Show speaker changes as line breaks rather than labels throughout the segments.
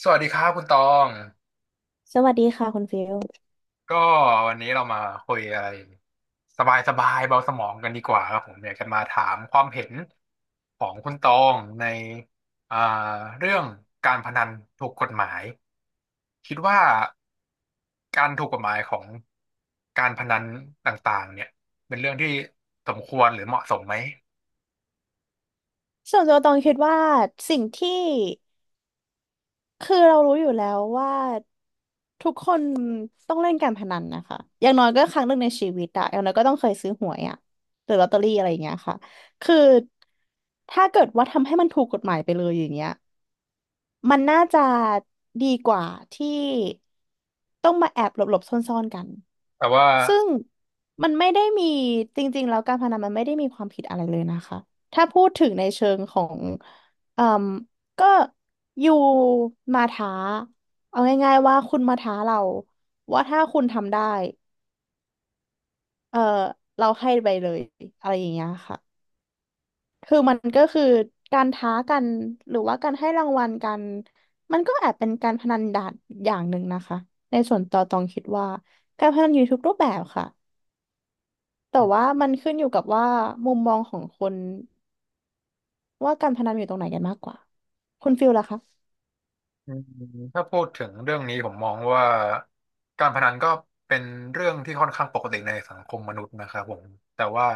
สวัสดีครับคุณตอง
สวัสดีค่ะคุณฟิล
ก็วันนี้เรามาคุยอะไรสบายสบายเบาสมองกันดีกว่าครับผมอยากจะมาถามความเห็นของคุณตองในอ่าเรื่องการพนันถูกกฎหมายคิดว่าการถูกกฎหมายของการพนันต่างๆเนี่ยเป็นเรื่องที่สมควรหรือเหมาะสมไหม
ส่วนตัวตองคิดว่าสิ่งที่คือเรารู้อยู่แล้วว่าทุกคนต้องเล่นการพนันนะคะอย่างน้อยก็ครั้งหนึ่งในชีวิตอะอย่างน้อยก็ต้องเคยซื้อหวยอะหรือลอตเตอรี่อะไรอย่างเงี้ยค่ะคือถ้าเกิดว่าทำให้มันถูกกฎหมายไปเลยอย่างเงี้ย มันน่าจะดีกว่าที่ต้องมาแอบหลบๆซ่อนๆกัน
แต่ว่า
ซึ่งมันไม่ได้มีจริงๆแล้วการพนันมันไม่ได้มีความผิดอะไรเลยนะคะ ถ้าพูดถึงในเชิงของเอ่มก็อยู่มาท้าเอาง่ายๆว่าคุณมาท้าเราว่าถ้าคุณทำได้เออเราให้ไปเลยอะไรอย่างเงี้ยค่ะ คือมันก็คือการท้ากันหรือว่าการให้รางวัลกันมันก็แอบเป็นการพนันดานอย่างหนึ่งนะคะในส่วนต่อตองคิดว่าการพนันอยู่ทุกรูปแบบค่ะแต่ว่ามันขึ้นอยู่กับว่ามุมมองของคนว่าการพนันอยู่ตรงไหนกันมากกว่าคุณฟิลล่ะคะ
อืมถ้าพูดถึงเรื่องนี้ผมมองว่าการพนันก็เป็นเรื่องที่ค่อนข้างปกติในสังคมมนุษย์นะครับผมแต่ว่า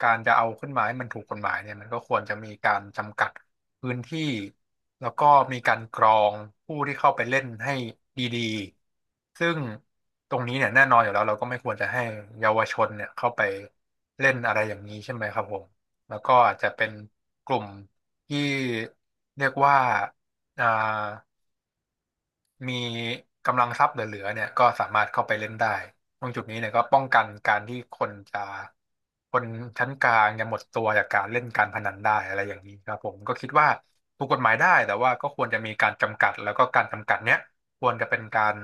การจะเอาขึ้นมาให้มันถูกกฎหมายเนี่ยมันก็ควรจะมีการจำกัดพื้นที่แล้วก็มีการกรองผู้ที่เข้าไปเล่นให้ดีๆซึ่งตรงนี้เนี่ยแน่นอนอยู่แล้วเราก็ไม่ควรจะให้เยาวชนเนี่ยเข้าไปเล่นอะไรอย่างนี้ใช่ไหมครับผมแล้วก็อาจจะเป็นกลุ่มที่เรียกว่าอ่า มีกำลังทรัพย์เหลือๆเนี่ยก็สามารถเข้าไปเล่นได้ตรงจุดนี้เนี่ยก็ป้องกันการที่คนจะคนชั้นกลางจะหมดตัวจากการเล่นการพนันได้อะไรอย่างนี้ครับผมก็คิดว่าถูกกฎหมายได้แต่ว่าก็ควรจะมีการจำกัดแล้วก็การจำกัดเนี้ยควรจะเป็นการ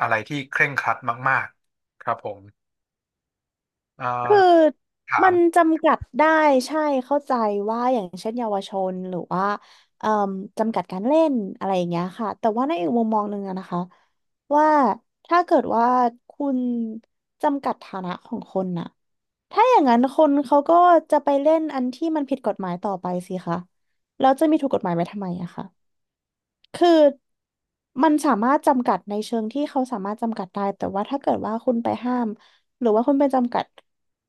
อะไรที่เคร่งครัดมากๆครับผมเอ่อ
คือ
ถา
มั
ม
นจำกัดได้ใช่เข้าใจว่าอย่างเช่นเยาวชนหรือว่าเอ่มจำกัดการเล่นอะไรอย่างเงี้ยค่ะแต่ว่าในอีกมุมมองหนึ่งอะนะคะว่าถ้าเกิดว่าคุณจำกัดฐานะของคนน่ะถ้าอย่างนั้นคนเขาก็จะไปเล่นอันที่มันผิดกฎหมายต่อไปสิคะแล้วจะมีถูกกฎหมายไว้ทำไมอะคะ คือมันสามารถจำกัดในเชิงที่เขาสามารถจำกัดได้แต่ว่าถ้าเกิดว่าคุณไปห้ามหรือว่าคุณไปจำกัด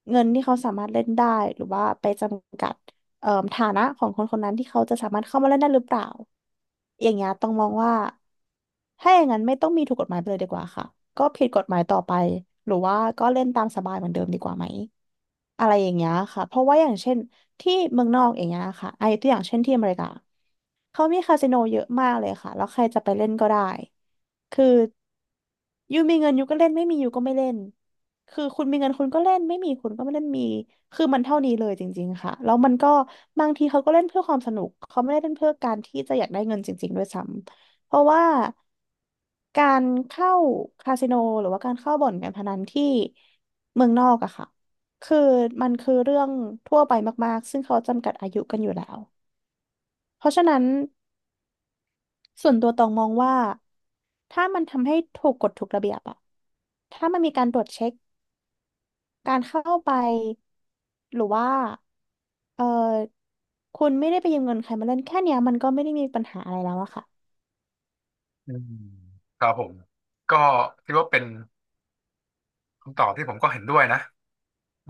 เงินที่เขาสามารถเล่นได้หรือว่าไปจำกัดฐานะของคนคนนั้นที่เขาจะสามารถเข้ามาเล่นได้หรือเปล่าอย่างเงี้ยต้องมองว่าถ้าอย่างนั้นไม่ต้องมีถูกกฎหมายไปเลยดีกว่าค่ะก็ผิดกฎหมายต่อไปหรือว่าก็เล่นตามสบายเหมือนเดิมดีกว่าไหมอะไรอย่างเงี้ยค่ะเพราะว่าอย่างเช่น ที่เมืองนอกอย่างเงี้ยค่ะ ไอ้ตัวอย่างเช่นที่อเมริกาเขามีคาสิโนเยอะมากเลยค่ะ แล้วใครจะไปเล่นก็ได้ คือ ยูมีเงินยูก็เล่นไม่มียูก็ไม่เล่น คือคุณมีเงินคุณก็เล่นไม่มีคุณก็ไม่เล่นมีคือมันเท่านี้เลยจริงๆค่ะแล้วมันก็บางทีเขาก็เล่นเพื่อความสนุกเขาไม่ได้เล่นเพื่อการที่จะอยากได้เงินจริงๆด้วยซ้ำเพราะว่าการเข้าคาสิโนหรือว่าการเข้าบ่อนการพนันที่เมืองนอกอะค่ะคือมันคือเรื่องทั่วไปมากๆซึ่งเขาจำกัดอายุกันอยู่แล้วเพราะฉะนั้น ส่วนตัวตองมองว่าถ้ามันทำให้ถูกกฎถูกระเบียบอะถ้ามันมีการตรวจเช็คการเข้าไปหรือว่าเออคุณไม่ได้ไปยืมเงินใครมาเล่นแค่เนี้ยมันก็ไม่ได้มีปัญหาอะไรแล้วอะค่ะ
อืมครับผมก็คิดว่าเป็นคำตอบที่ผมก็เห็นด้วยนะ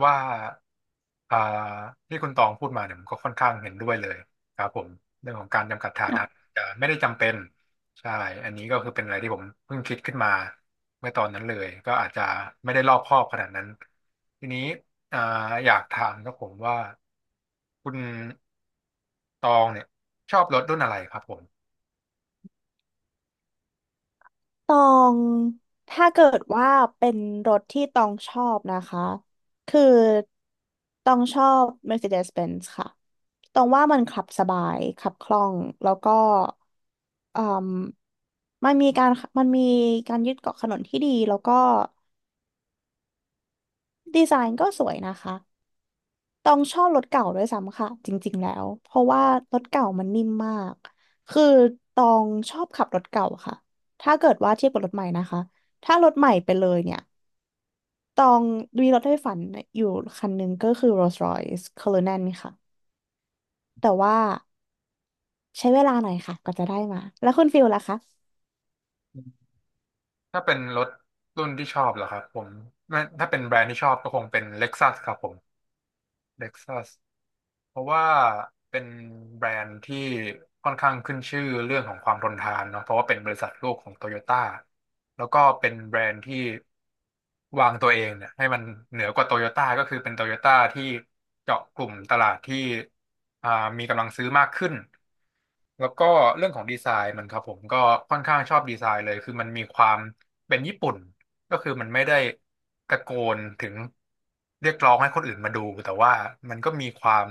ว่า อ่าที่คุณตองพูดมาเนี่ยผมก็ค่อนข้างเห็นด้วยเลยครับผมเรื่องของการจำกัดฐานะจะไม่ได้จำเป็นใช่อันนี้ก็คือเป็นอะไรที่ผมเพิ่งคิดขึ้นมาเมื่อตอนนั้นเลยก็อาจจะไม่ได้รอบคอบขนาดนั้นทีนี้อ่าอยากถามครับผมว่าคุณตองเนี่ยชอบรถรุ่นอะไรครับผม
ตองถ้าเกิดว่าเป็นรถที่ตองชอบนะคะคือตองชอบ Mercedes-Benz ค่ะตองว่ามันขับสบายขับคล่องแล้วก็อืมมันมีการมันมียึดเกาะถนนที่ดีแล้วก็ดีไซน์ก็สวยนะคะตองชอบรถเก่าด้วยซ้ำค่ะจริงๆแล้วเพราะว่ารถเก่ามันนิ่มมากคือตองชอบขับรถเก่าค่ะถ้าเกิดว่าเทียบกับรถใหม่นะคะถ้ารถใหม่ไปเลยเนี่ย ตองมีรถไฟฝันอยู่คันหนึ่งก็คือ Rolls Royce Cullinan ค่ะแต่ว่าใช้เวลาหน่อยค่ะก็จะได้มาแล้วคุณฟิลล่ะคะ
ถ้าเป็นรถรุ่นที่ชอบเหรอครับผมไม่ถ้าเป็นแบรนด์ที่ชอบก็คงเป็น Lexus ครับผม เท็กซัสเพราะว่าเป็นแบรนด์ที่ค่อนข้างขึ้นชื่อเรื่องของความทนทานเนาะเพราะว่าเป็นบริษัทลูกของโตโยต้าแล้วก็เป็นแบรนด์ที่วางตัวเองเนี่ยให้มันเหนือกว่าโตโยต้าก็คือเป็นโตโยต้าที่เจาะกลุ่มตลาดที่อ่ามีกำลังซื้อมากขึ้นแล้วก็เรื่องของดีไซน์มันครับผมก็ค่อนข้างชอบดีไซน์เลยคือมันมีความเป็นญี่ปุ่น ก็คือมันไม่ได้ตะโกนถึงเรียกร้องให้คนอื่นมาดูแต่ว่ามันก็มีความ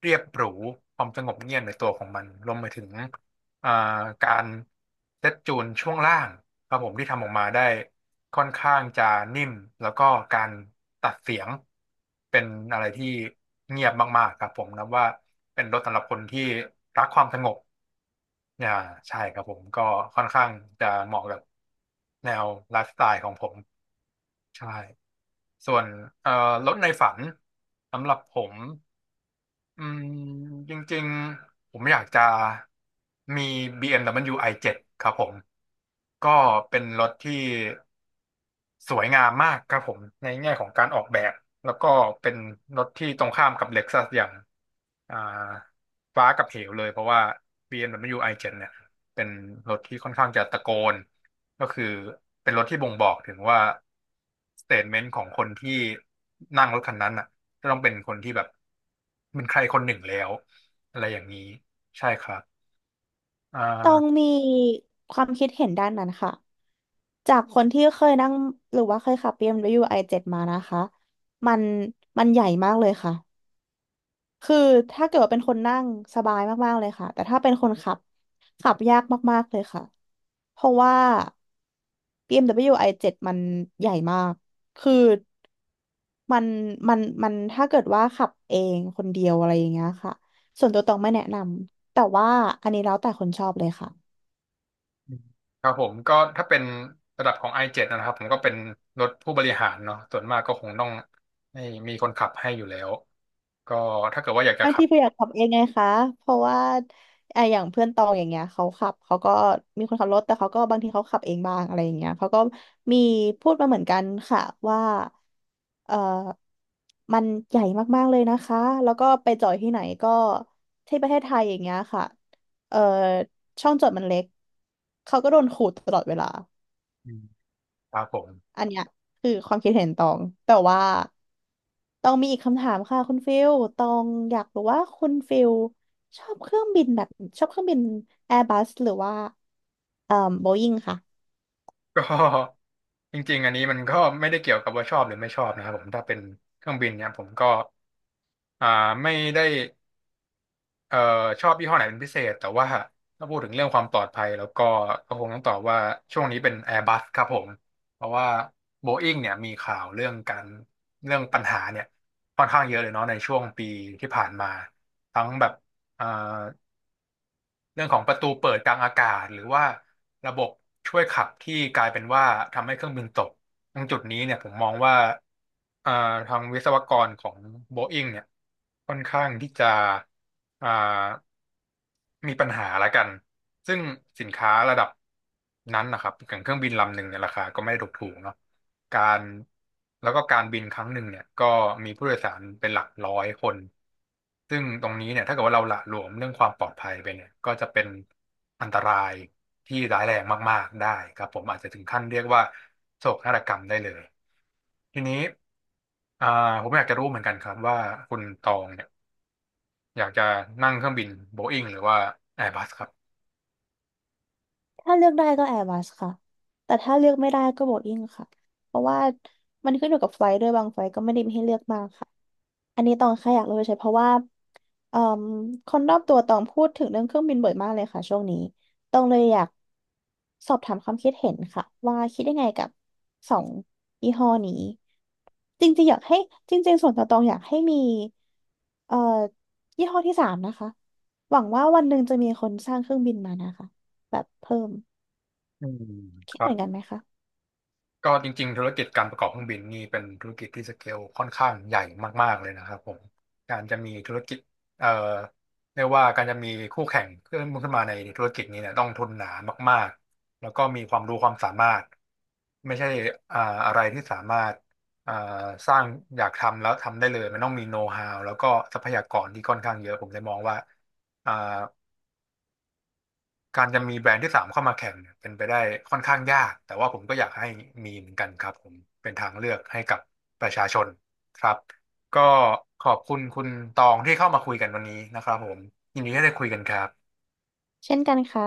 เรียบหรูความสงบเงียบในตัวของมันรวมไปถึงเอ่การเซตจูนช่วงล่างครับผมที่ทำออกมาได้ค่อนข้างจะนิ่มแล้วก็การตัดเสียงเป็นอะไรที่เงียบมากๆครับผมนับว่าเป็นรถสำหรับคนที่รักความสงบอ่าใช่ครับผมก็ค่อนข้างจะเหมาะกับแนวไลฟ์สไตล์ของผม ใช่ ส่วนเอ่อรถในฝันสำหรับผมอืมจริงๆผมอยากจะมี BMW i7 ครับผมก็เป็นรถที่ สวยงามมากครับผมในแง่ของการออกแบบแล้วก็เป็นรถที่ตรงข้ามกับเล็กซัสอย่างอ่าฟ้ากับเหวเลยเพราะว่า BMW i7 เอ็มดับเบิลยูไอเจ็ดเนี่ยเป็นรถที่ค่อนข้างจะตะโกนก็คือเป็นรถที่บ่งบอกถึงว่าสเต t เมนต์ของคนที่นั่งรถคันนั้นอ่ะจะต้องเป็นคนที่แบบเป็นใครคนหนึ่งแล้วอะไรอย่างนี้ใช่ครับอ่
ตอง
า
มีความคิดเห็นด้านนั้นค่ะจากคนที่เคยนั่งหรือว่าเคยขับเีเอ็มดับเบิลยไอเจ็ดมานะคะมันมันใหญ่มากเลยค่ะ คือถ้าเกิดว่าเป็นคนนั่งสบายมากๆเลยค่ะแต่ถ้าเป็นคนขับขับยากมากๆเลยค่ะเพราะว่า BMW i7 มดับเบิลยูไอเจ็ดมันใหญ่มากคือมันมันถ้าเกิดว่าขับเองคนเดียวอะไรอย่างเงี้ยค่ะส่วนตัวตองไม่แนะนำแต่ว่าอันนี้แล้วแต่คนชอบเลยค่ะ
ครับผมก็ถ้าเป็นระดับของ i7 นะครับผมก็เป็นรถผู้บริหารเนาะส่วนมากก็คงต้องให้มีคนขับให้อยู่แล้วก็ถ้าเกิดว่าอยากจะ
บาง
ขั
ที
บ
เพื่อนอยากขับเองไงคะเพราะว่าไอะอย่างเพื่อนตองอย่างเงี้ยเขาขับเขาก็มีคนขับรถแต่เขาก็บางทีเขาขับเองบ้างอะไรอย่างเงี้ยเขาก็มีพูดมาเหมือนกันค่ะว่าเออมันใหญ่มากๆเลยนะคะแล้วก็ไปจอดที่ไหนก็ที่ประเทศไทยอย่างเงี้ยค่ะเออช่องจอดมันเล็กเขาก็โดนขูดตลอดเวลา
อืมครับผม
อันเนี้ยคือความคิดเห็นตองแต่ว่าตองมีอีกคำถามค่ะคุณฟิลตองอยากรู้ว่าคุณฟิลชอบเครื่องบินแบบชอบเครื่องบินแอร์บัสหรือว่าเอ่อโบอิงค่ะ
ก็จริงๆอันนี้มันก็ไม่ได้เกี่ยวกับว่าชอบหรือไม่ชอบนะครับผมถ้าเป็นเครื่องบินเนี่ยผมก็อ่าไม่ได้ เอ่อชอบยี่ห้อไหนเป็นพิเศษแต่ว่าถ้าพูดถึงเรื่องความปลอดภัยแล้วก็ก็คงต้องตอบว่าช่วงนี้เป็น Airbus ครับผมเพราะว่า Boeing เนี่ยมีข่าวเรื่องการเรื่องปัญหาเนี่ยค่อนข้างเยอะเลยเนาะในช่วงปีที่ผ่านมาทั้งแบบเอ่อ เรื่องของประตูเปิดกลางอากาศหรือว่าระบบช่วยขับที่กลายเป็นว่าทำให้เครื่องบินตกตรงจุดนี้เนี่ยผมมองว่าเอ่อทางวิศวกรของโบอิงเนี่ยค่อนข้างที่จะอ่ามีปัญหาละกัน ซึ่งสินค้าระดับนั้นนะครับอย่างเครื่องบินลำหนึ่งเนี่ยราคาก็ไม่ได้ถูกๆเนาะการแล้วก็การบินครั้งหนึ่งเนี่ยก็มีผู้โดยสารเป็นหลักร้อยคน ซึ่งตรงนี้เนี่ยถ้าเกิดว่าเราหละหลวมเรื่องความปลอดภัยไปเนี่ยก็จะเป็นอันตรายที่ร้ายแรงมากๆได้ครับผมอาจจะถึงขั้นเรียกว่าโศกนาฏกรรมได้เลยทีนี้อ่าผมอยากจะรู้เหมือนกันครับว่าคุณตองเนี่ยอยากจะนั่งเครื่องบินโบอิ้งหรือว่า
ถ้าเลือกได้ก็แอร์บัสค่ะ แต่ถ้าเลือกไม่ได้ก็โบอิ้งค่ะ เพราะว่ามันขึ้นอยู่กับไฟล์ด้วยบางไฟล์ก็ไม่ได้มีให้เลือกมากค่ะ อันนี้ตองแค่อยากรู้เฉยๆเพราะว่าเอ่มคนรอบตัวตองพูดถึงเรื่องเครื่องบินบ่อยมากเลยค่ะช่วงนี้ ตองเลยอยากสอบถามความคิดเห็นค่ะว่าคิดยังไงกับสองยี่ห้อนี้ จริงๆอยากให้จริงๆส่วนตัวตองอยากให้มีเอ่อยี่ห้อที่สามนะคะหวังว่าวันหนึ่งจะมีคนสร้างเครื่องบินมานะคะแบบเพิ่ม
อืมค
คิด
รั
เหมือนกั
บ
นไหมคะ
ก็จริงๆธุรกิจการประกอบเครื่องบินนี่เป็นธุรกิจที่สเกลค่อนข้างใหญ่มากๆเลยนะครับผมการจะมีธุรกิจเอ่อเรียกว่าการจะมีคู่แข่งขึ้นมาในธุรกิจนี้เนี่ยต้องทุนหนามากๆแล้วก็มีความรู้ความสามารถไม่ใช่อ่าอะไรที่สามารถอ่าสร้างอยากทำแล้วทำได้เลยมันต้องมีโน้ตฮาวแล้วก็ทรัพยากรที่ค่อนข้างเยอะผมเลยมองว่าอ่า การจะมีแบรนด์ที่สามเข้ามาแข่งเนี่ยเป็นไปได้ค่อนข้างยากแต่ว่าผมก็อยากให้มีเหมือนกันครับผมเป็นทางเลือกให้กับประชาชนครับก็ขอบคุณคุณตองที่เข้ามาคุยกันวันนี้นะครับผมยินดีที่ได้คุยกันครับ
เช่นกันค่ะ